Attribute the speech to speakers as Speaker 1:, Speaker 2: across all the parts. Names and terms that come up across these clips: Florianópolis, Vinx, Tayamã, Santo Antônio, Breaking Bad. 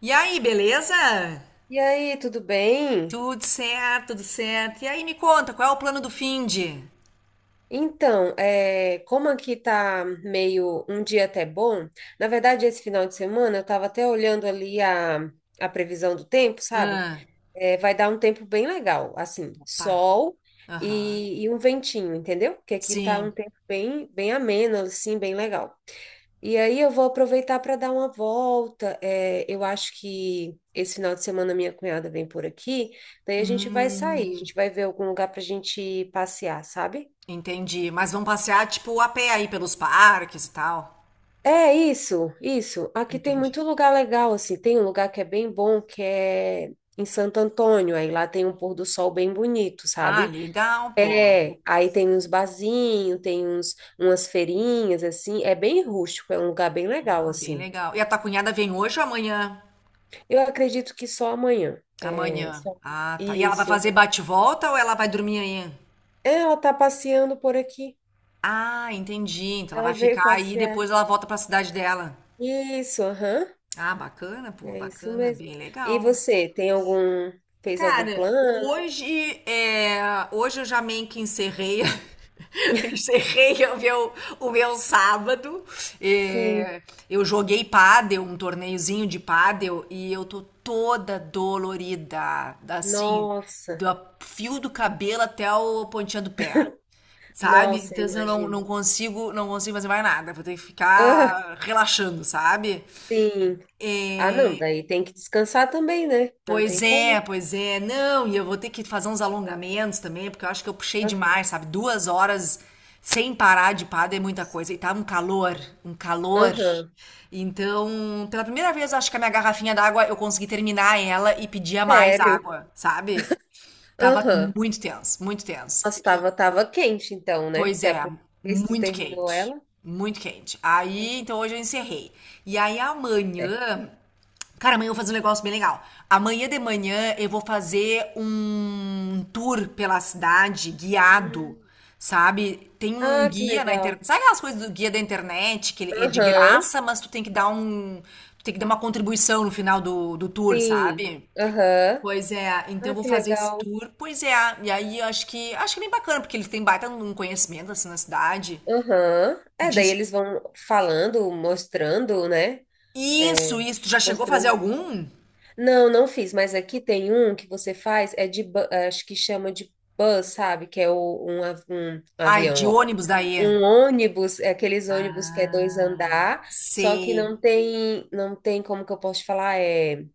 Speaker 1: E aí, beleza?
Speaker 2: E aí, tudo bem?
Speaker 1: Tudo certo, tudo certo. E aí, me conta, qual é o plano do finde?
Speaker 2: Então, como aqui tá meio um dia até bom, na verdade, esse final de semana eu tava até olhando ali a previsão do tempo, sabe?
Speaker 1: Ah,
Speaker 2: É, vai dar um tempo bem legal, assim,
Speaker 1: opa,
Speaker 2: sol
Speaker 1: aham.
Speaker 2: e um ventinho, entendeu? Porque aqui tá
Speaker 1: Sim.
Speaker 2: um tempo bem, bem ameno, assim, bem legal. E aí eu vou aproveitar para dar uma volta. É, eu acho que esse final de semana minha cunhada vem por aqui, daí a gente vai sair, a
Speaker 1: Hum,
Speaker 2: gente vai ver algum lugar para a gente passear, sabe?
Speaker 1: entendi. Mas vão passear, tipo, a pé aí pelos parques e tal?
Speaker 2: É isso, isso. Aqui tem
Speaker 1: Entendi.
Speaker 2: muito lugar legal, assim. Tem um lugar que é bem bom, que é em Santo Antônio. Aí lá tem um pôr do sol bem bonito,
Speaker 1: Ah,
Speaker 2: sabe?
Speaker 1: legal, pô.
Speaker 2: É, aí tem uns barzinhos, umas feirinhas, assim. É bem rústico, é um lugar bem legal,
Speaker 1: Ah, bem
Speaker 2: assim.
Speaker 1: legal. E a tua cunhada vem hoje ou amanhã?
Speaker 2: Eu acredito que só amanhã.
Speaker 1: Amanhã.
Speaker 2: Só amanhã.
Speaker 1: Ah, tá. E ela vai
Speaker 2: isso.
Speaker 1: fazer bate-volta ou ela vai dormir aí?
Speaker 2: É, ela tá passeando por aqui.
Speaker 1: Ah, entendi. Então ela
Speaker 2: Ela
Speaker 1: vai
Speaker 2: veio
Speaker 1: ficar aí e
Speaker 2: passear.
Speaker 1: depois ela volta pra cidade dela.
Speaker 2: Isso, aham.
Speaker 1: Ah, bacana, pô,
Speaker 2: É isso
Speaker 1: bacana,
Speaker 2: mesmo.
Speaker 1: bem
Speaker 2: E
Speaker 1: legal.
Speaker 2: você, fez algum
Speaker 1: Cara,
Speaker 2: plano?
Speaker 1: hoje é, hoje eu já meio que encerrei, encerrei o meu sábado.
Speaker 2: Sim.
Speaker 1: É, eu joguei pádel, um torneiozinho de pádel, e eu tô toda dolorida, assim,
Speaker 2: Nossa,
Speaker 1: do fio do cabelo até o pontinha do pé, sabe?
Speaker 2: nossa,
Speaker 1: Então assim, eu não, não
Speaker 2: imagino.
Speaker 1: consigo, não consigo fazer mais nada, vou ter que
Speaker 2: Ah,
Speaker 1: ficar relaxando, sabe?
Speaker 2: sim. Ah, não, daí tem que descansar também, né? Não tem
Speaker 1: Pois é,
Speaker 2: como.
Speaker 1: pois é. Não, e eu vou ter que fazer uns alongamentos também, porque eu acho que eu puxei
Speaker 2: Aham.
Speaker 1: demais, sabe? 2 horas sem parar de pádel é muita coisa.
Speaker 2: Nossa.
Speaker 1: E tava um calor, um calor.
Speaker 2: Aham.
Speaker 1: Então, pela primeira vez, eu acho que a minha garrafinha d'água eu consegui terminar ela e pedia mais
Speaker 2: Sério.
Speaker 1: água, sabe? Tava
Speaker 2: Aham.
Speaker 1: muito tenso, muito tenso.
Speaker 2: Nossa,
Speaker 1: E,
Speaker 2: tava quente então, né?
Speaker 1: pois
Speaker 2: Se a
Speaker 1: é,
Speaker 2: primeira vez que tu
Speaker 1: muito
Speaker 2: terminou
Speaker 1: quente,
Speaker 2: ela,
Speaker 1: muito quente.
Speaker 2: deu
Speaker 1: Aí, então hoje eu encerrei. E aí
Speaker 2: certo.
Speaker 1: amanhã. Cara, amanhã eu vou fazer um negócio bem legal. Amanhã de manhã eu vou fazer um tour pela cidade guiado,
Speaker 2: Hum.
Speaker 1: sabe? Tem um
Speaker 2: Ah, que
Speaker 1: guia na
Speaker 2: legal.
Speaker 1: internet. Sabe aquelas coisas do guia da internet, que ele é de
Speaker 2: Aham,
Speaker 1: graça, mas tu tem que dar um. Tu tem que dar uma contribuição no final do tour,
Speaker 2: sim.
Speaker 1: sabe?
Speaker 2: Aham,
Speaker 1: Pois é, então eu
Speaker 2: ah,
Speaker 1: vou
Speaker 2: que
Speaker 1: fazer esse
Speaker 2: legal.
Speaker 1: tour. Pois é, e aí eu acho que é bem bacana, porque eles têm baita um conhecimento assim na cidade.
Speaker 2: Aham. É, daí
Speaker 1: Diz...
Speaker 2: eles vão falando, mostrando, né?
Speaker 1: Isso,
Speaker 2: É,
Speaker 1: isso. Tu já chegou a fazer
Speaker 2: mostrando.
Speaker 1: algum?
Speaker 2: Não, não fiz, mas aqui tem um que você faz, acho que chama de bus, sabe? Que é um, um
Speaker 1: Ai,
Speaker 2: avião,
Speaker 1: de
Speaker 2: ó.
Speaker 1: ônibus daí.
Speaker 2: Um ônibus, é aqueles ônibus que é dois
Speaker 1: Ah,
Speaker 2: andar, só que
Speaker 1: sei,
Speaker 2: não tem, como que eu posso te falar?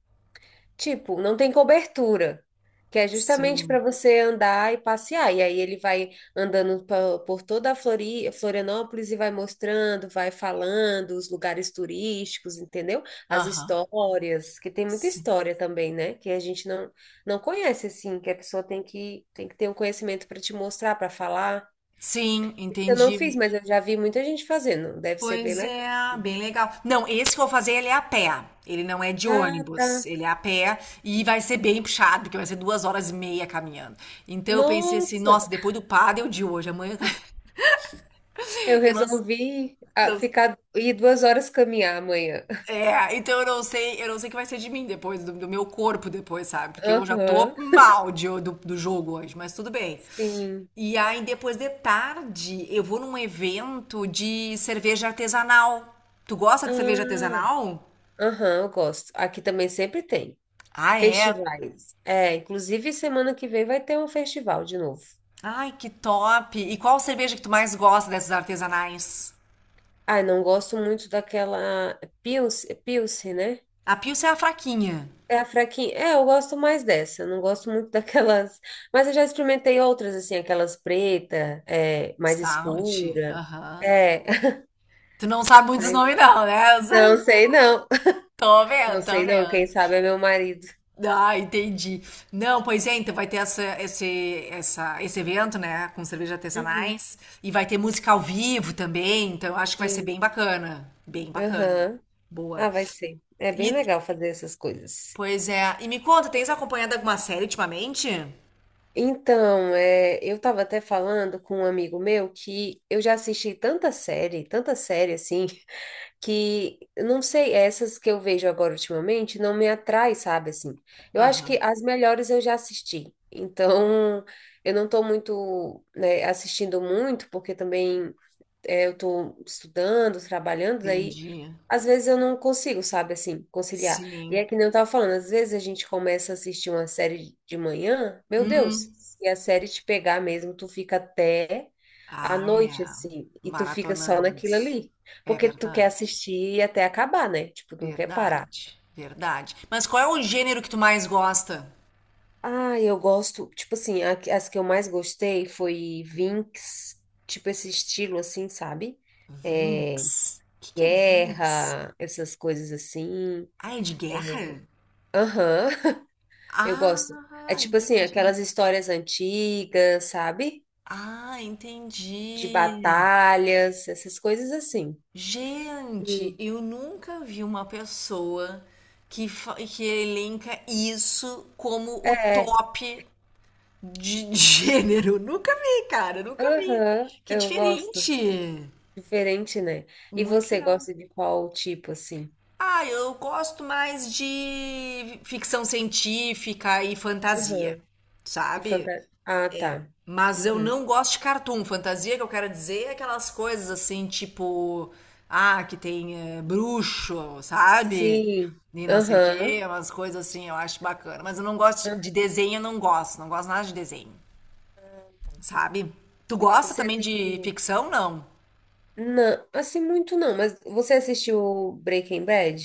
Speaker 2: Tipo, não tem cobertura, que é justamente
Speaker 1: sim,
Speaker 2: para você andar e passear. E aí ele vai andando por toda a Florianópolis e vai mostrando, vai falando os lugares turísticos, entendeu? As
Speaker 1: aham,
Speaker 2: histórias, que tem muita
Speaker 1: sim,
Speaker 2: história também, né? Que a gente não conhece assim, que a pessoa tem que ter um conhecimento para te mostrar, para falar.
Speaker 1: sim,
Speaker 2: Esse eu não fiz,
Speaker 1: entendi.
Speaker 2: mas eu já vi muita gente fazendo. Deve ser bem
Speaker 1: Pois
Speaker 2: legal.
Speaker 1: é, bem legal. Não, esse que eu vou fazer, ele é a pé, ele não é de
Speaker 2: Ah,
Speaker 1: ônibus,
Speaker 2: tá.
Speaker 1: ele é a pé e vai ser bem puxado, porque vai ser 2 horas e meia caminhando. Então eu pensei assim,
Speaker 2: Nossa!
Speaker 1: nossa, depois do pádel de hoje, amanhã,
Speaker 2: Eu
Speaker 1: eu não,
Speaker 2: resolvi
Speaker 1: não
Speaker 2: ficar ir 2 horas caminhar amanhã.
Speaker 1: É, então eu não sei o que vai ser de mim depois, do meu corpo depois, sabe? Porque eu já
Speaker 2: Aham,
Speaker 1: tô mal do jogo hoje, mas tudo bem.
Speaker 2: sim.
Speaker 1: E aí, depois de tarde, eu vou num evento de cerveja artesanal. Tu gosta de cerveja
Speaker 2: Ah,
Speaker 1: artesanal?
Speaker 2: aham, eu gosto. Aqui também sempre tem
Speaker 1: Ah, é?
Speaker 2: festivais. É, inclusive semana que vem vai ter um festival de novo.
Speaker 1: Ai, que top! E qual cerveja que tu mais gosta dessas artesanais?
Speaker 2: Ai, não gosto muito daquela Pilce, Pilce, né?
Speaker 1: A Pilsen é a fraquinha.
Speaker 2: É a fraquinha. É, eu gosto mais dessa. Eu Não gosto muito daquelas. Mas eu já experimentei outras, assim, aquelas preta, mais
Speaker 1: Stout,
Speaker 2: escura.
Speaker 1: aham.
Speaker 2: É.
Speaker 1: Tu não sabe muitos
Speaker 2: Mas
Speaker 1: nomes não, né?
Speaker 2: Não sei, não.
Speaker 1: Tô
Speaker 2: Não
Speaker 1: vendo, tô
Speaker 2: sei não, quem
Speaker 1: vendo.
Speaker 2: sabe é meu marido.
Speaker 1: Ah, entendi. Não, pois é, então vai ter esse evento, né, com cerveja
Speaker 2: Uhum.
Speaker 1: artesanais e vai ter música ao vivo também, então eu acho que vai ser
Speaker 2: Sim.
Speaker 1: bem bacana, bem bacana.
Speaker 2: Aham.
Speaker 1: Boa.
Speaker 2: Ah, vai ser. É bem
Speaker 1: E,
Speaker 2: legal fazer essas coisas.
Speaker 1: pois é, e me conta, tens acompanhado alguma série ultimamente?
Speaker 2: Então, eu estava até falando com um amigo meu que eu já assisti tanta série assim, que eu não sei, essas que eu vejo agora ultimamente não me atrai, sabe assim. Eu acho que
Speaker 1: Aham,
Speaker 2: as melhores eu já assisti. Então, eu não estou muito, né, assistindo muito, porque também eu tô estudando, trabalhando, daí
Speaker 1: entendi.
Speaker 2: às vezes eu não consigo, sabe, assim, conciliar. E é
Speaker 1: Sim.
Speaker 2: que nem eu tava falando, às vezes a gente começa a assistir uma série de manhã, meu Deus,
Speaker 1: Hum.
Speaker 2: se a série te pegar mesmo, tu fica até à
Speaker 1: Ah,
Speaker 2: noite,
Speaker 1: é.
Speaker 2: assim, e tu fica só
Speaker 1: Maratonando.
Speaker 2: naquilo ali,
Speaker 1: É
Speaker 2: porque tu quer
Speaker 1: verdade.
Speaker 2: assistir até acabar, né? Tipo, tu não quer parar.
Speaker 1: Verdade. Verdade. Mas qual é o gênero que tu mais gosta?
Speaker 2: Ah, eu gosto, tipo assim, as que eu mais gostei foi Vinx, tipo esse estilo assim, sabe? É,
Speaker 1: Vinx? O que que é Vinx?
Speaker 2: guerra, essas coisas assim.
Speaker 1: Ah, é de guerra?
Speaker 2: Aham, eu gosto. É
Speaker 1: Ah,
Speaker 2: tipo assim,
Speaker 1: entendi.
Speaker 2: aquelas histórias antigas, sabe?
Speaker 1: Ah,
Speaker 2: De
Speaker 1: entendi.
Speaker 2: batalhas, essas coisas assim.
Speaker 1: Gente,
Speaker 2: E
Speaker 1: eu nunca vi uma pessoa que elenca isso como o
Speaker 2: é,
Speaker 1: top de gênero. Nunca vi, cara, nunca vi.
Speaker 2: aham,
Speaker 1: Que
Speaker 2: eu gosto.
Speaker 1: diferente.
Speaker 2: Diferente, né? E
Speaker 1: Muito
Speaker 2: você
Speaker 1: legal.
Speaker 2: gosta de qual tipo assim?
Speaker 1: Ah, eu gosto mais de ficção científica e fantasia,
Speaker 2: Aham.
Speaker 1: sabe?
Speaker 2: Ah,
Speaker 1: É.
Speaker 2: tá.
Speaker 1: Mas eu
Speaker 2: Uhum.
Speaker 1: não gosto de cartoon. Fantasia que eu quero dizer é aquelas coisas assim, tipo, ah, que tem bruxo, sabe?
Speaker 2: Sim.
Speaker 1: E não sei o quê,
Speaker 2: Aham.
Speaker 1: umas coisas assim, eu acho bacana. Mas eu não gosto de
Speaker 2: Aham.
Speaker 1: desenho, eu não gosto. Não gosto nada de desenho, sabe? Tu
Speaker 2: É,
Speaker 1: gosta
Speaker 2: você
Speaker 1: também de
Speaker 2: assistiu?
Speaker 1: ficção? Não.
Speaker 2: Não, assim muito não, mas você assistiu Breaking Bad?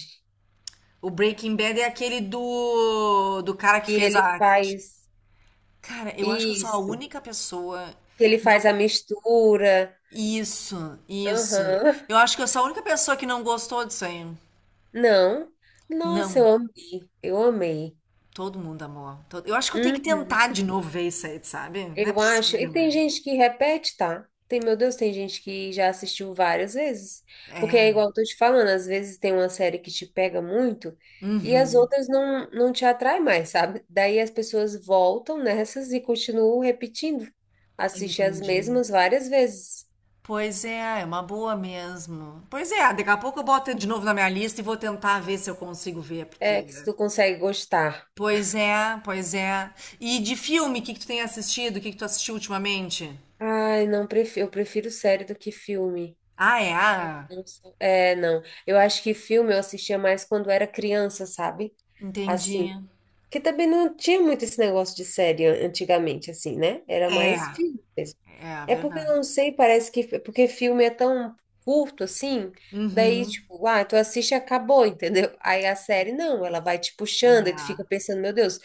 Speaker 1: O Breaking Bad é aquele do cara que
Speaker 2: E
Speaker 1: fez
Speaker 2: ele
Speaker 1: a.
Speaker 2: faz
Speaker 1: Cara, eu acho que eu sou a
Speaker 2: isso,
Speaker 1: única pessoa
Speaker 2: que ele
Speaker 1: que
Speaker 2: faz
Speaker 1: não.
Speaker 2: a mistura.
Speaker 1: Isso, isso.
Speaker 2: Aham.
Speaker 1: Eu acho que eu sou a única pessoa que não gostou disso aí.
Speaker 2: Não. Nossa,
Speaker 1: Não.
Speaker 2: eu amei. Eu amei.
Speaker 1: Todo mundo amou. Todo- Eu acho que eu tenho que
Speaker 2: Uhum.
Speaker 1: tentar de novo ver isso aí, sabe? Não é
Speaker 2: Eu acho. E
Speaker 1: possível
Speaker 2: tem
Speaker 1: mesmo.
Speaker 2: gente que repete, tá? Tem, meu Deus, tem gente que já assistiu várias vezes. Porque é
Speaker 1: É.
Speaker 2: igual eu tô te falando, às vezes tem uma série que te pega muito e as
Speaker 1: Uhum.
Speaker 2: outras não te atrai mais, sabe? Daí as pessoas voltam nessas e continuam repetindo. Assiste as
Speaker 1: Entendi.
Speaker 2: mesmas várias vezes.
Speaker 1: Pois é, é uma boa mesmo. Pois é, daqui a pouco eu boto de novo na minha lista e vou tentar ver se eu consigo ver,
Speaker 2: É que
Speaker 1: porque.
Speaker 2: se tu consegue gostar.
Speaker 1: Pois é, pois é. E de filme, o que que tu tem assistido? O que que tu assistiu ultimamente?
Speaker 2: Ai, não, eu prefiro série do que filme.
Speaker 1: Ah, é? Ah,
Speaker 2: É, não. Eu acho que filme eu assistia mais quando era criança, sabe?
Speaker 1: entendi.
Speaker 2: Assim. Que também não tinha muito esse negócio de série antigamente, assim, né? Era
Speaker 1: É,
Speaker 2: mais filme mesmo.
Speaker 1: é
Speaker 2: É porque
Speaker 1: verdade.
Speaker 2: eu não sei, parece que. Porque filme é tão curto assim. Daí,
Speaker 1: Uhum.
Speaker 2: tipo, tu assiste e acabou, entendeu? Aí a série, não, ela vai te puxando e tu
Speaker 1: É,
Speaker 2: fica pensando, meu Deus,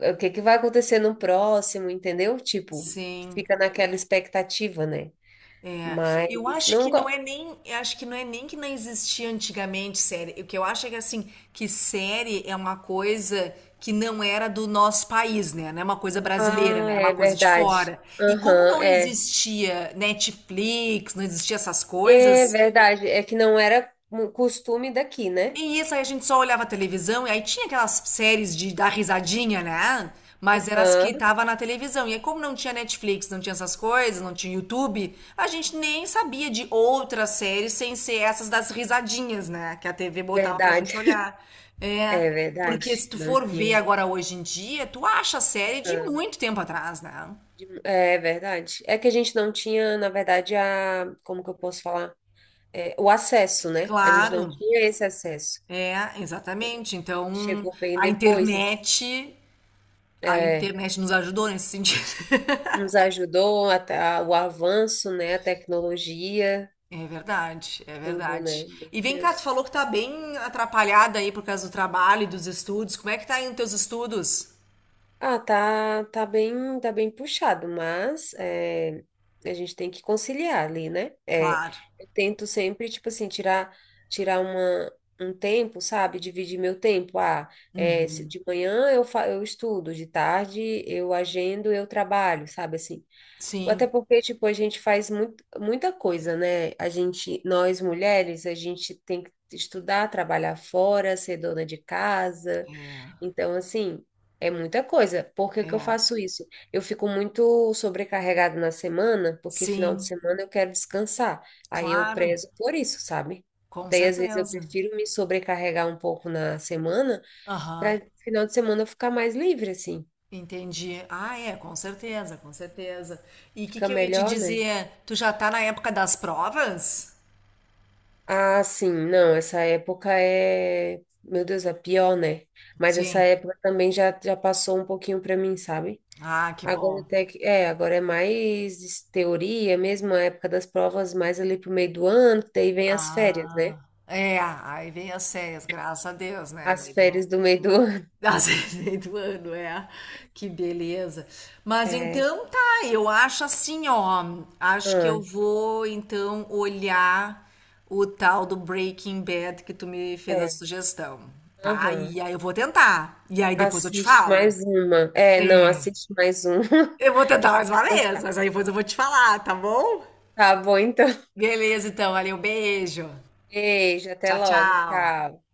Speaker 2: o que que vai acontecer no próximo, entendeu? Tipo, tu
Speaker 1: sim.
Speaker 2: fica naquela expectativa, né?
Speaker 1: É,
Speaker 2: Mas não. go-
Speaker 1: eu acho que não é nem que não existia antigamente série. O que eu acho é que assim, que série é uma coisa que não era do nosso país, né? Não é uma coisa brasileira,
Speaker 2: Ah,
Speaker 1: né? É uma
Speaker 2: é
Speaker 1: coisa de
Speaker 2: verdade.
Speaker 1: fora. E como
Speaker 2: Aham,
Speaker 1: não
Speaker 2: é.
Speaker 1: existia Netflix, não existia essas
Speaker 2: É
Speaker 1: coisas,
Speaker 2: verdade. É que não era um costume daqui, né?
Speaker 1: e isso aí a gente só olhava a televisão, e aí tinha aquelas séries de dar risadinha, né? Mas eram as que
Speaker 2: Aham,
Speaker 1: tava na televisão. E aí, como não tinha Netflix, não tinha essas coisas, não tinha YouTube, a gente nem sabia de outras séries sem ser essas das risadinhas, né? Que a TV botava pra
Speaker 2: verdade.
Speaker 1: gente olhar.
Speaker 2: É
Speaker 1: É, porque
Speaker 2: verdade.
Speaker 1: se tu
Speaker 2: Não
Speaker 1: for ver
Speaker 2: tinha.
Speaker 1: agora hoje em dia, tu acha a série de
Speaker 2: Aham.
Speaker 1: muito tempo atrás, né?
Speaker 2: É verdade. É que a gente não tinha, na verdade, a. Como que eu posso falar? É, o acesso, né? A gente não
Speaker 1: Claro,
Speaker 2: tinha esse acesso.
Speaker 1: é, exatamente. Então,
Speaker 2: Chegou bem
Speaker 1: a
Speaker 2: depois. assim.
Speaker 1: internet, a
Speaker 2: É,
Speaker 1: internet nos ajudou nesse sentido.
Speaker 2: nos ajudou até o avanço, né? A tecnologia,
Speaker 1: É verdade, é
Speaker 2: tudo,
Speaker 1: verdade.
Speaker 2: né? Meu
Speaker 1: E vem cá, tu
Speaker 2: Deus.
Speaker 1: falou que tá bem atrapalhada aí por causa do trabalho e dos estudos. Como é que tá indo teus estudos?
Speaker 2: Ah, tá, tá bem puxado, mas a gente tem que conciliar ali, né? É,
Speaker 1: Claro.
Speaker 2: eu tento sempre, tipo assim, tirar um tempo, sabe? Dividir meu tempo. Ah, é,
Speaker 1: Uhum.
Speaker 2: de manhã eu estudo, de tarde eu agendo, eu trabalho, sabe? Assim, até
Speaker 1: Sim.
Speaker 2: porque, tipo, a gente faz muita coisa, né? A gente, nós mulheres, a gente tem que estudar, trabalhar fora, ser dona de casa.
Speaker 1: É,
Speaker 2: Então, assim, é muita coisa. Por que que eu
Speaker 1: é.
Speaker 2: faço isso? Eu fico muito sobrecarregada na semana, porque final de
Speaker 1: Sim,
Speaker 2: semana eu quero descansar. Aí eu
Speaker 1: claro.
Speaker 2: prezo por isso, sabe?
Speaker 1: Com
Speaker 2: Daí, às vezes, eu
Speaker 1: certeza.
Speaker 2: prefiro me sobrecarregar um pouco na semana,
Speaker 1: Aham.
Speaker 2: para final de semana eu ficar mais livre, assim.
Speaker 1: Entendi. Ah, é, com certeza, com certeza. E o que
Speaker 2: Fica
Speaker 1: que eu ia te
Speaker 2: melhor, né?
Speaker 1: dizer? Tu já tá na época das provas?
Speaker 2: Ah, sim, não, essa época é, meu Deus, é pior, né? Mas essa
Speaker 1: Sim.
Speaker 2: época também já passou um pouquinho para mim, sabe?
Speaker 1: Ah, que
Speaker 2: Agora
Speaker 1: bom.
Speaker 2: até que, agora é mais teoria mesmo, a época das provas mais ali pro meio do ano, que daí vem as férias, né?
Speaker 1: Ah, é, aí vem as séries, graças a Deus, né?
Speaker 2: As
Speaker 1: Daí dá uma
Speaker 2: férias do meio do ano.
Speaker 1: Nossa, meio do ano, é. Que beleza. Mas
Speaker 2: É,
Speaker 1: então tá, eu acho assim, ó. Acho que
Speaker 2: ah,
Speaker 1: eu vou então olhar o tal do Breaking Bad que tu me fez a
Speaker 2: é,
Speaker 1: sugestão, tá?
Speaker 2: aham.
Speaker 1: E aí eu vou tentar. E aí depois eu te
Speaker 2: Assiste
Speaker 1: falo.
Speaker 2: mais uma. É, não,
Speaker 1: É.
Speaker 2: assiste mais uma
Speaker 1: Eu vou
Speaker 2: que
Speaker 1: tentar
Speaker 2: tu
Speaker 1: mais uma
Speaker 2: vai
Speaker 1: vez,
Speaker 2: gostar.
Speaker 1: mas aí depois eu vou te falar, tá bom?
Speaker 2: Tá bom, então.
Speaker 1: Beleza, então, valeu, beijo.
Speaker 2: Beijo, até
Speaker 1: Tchau,
Speaker 2: logo,
Speaker 1: tchau.
Speaker 2: tchau.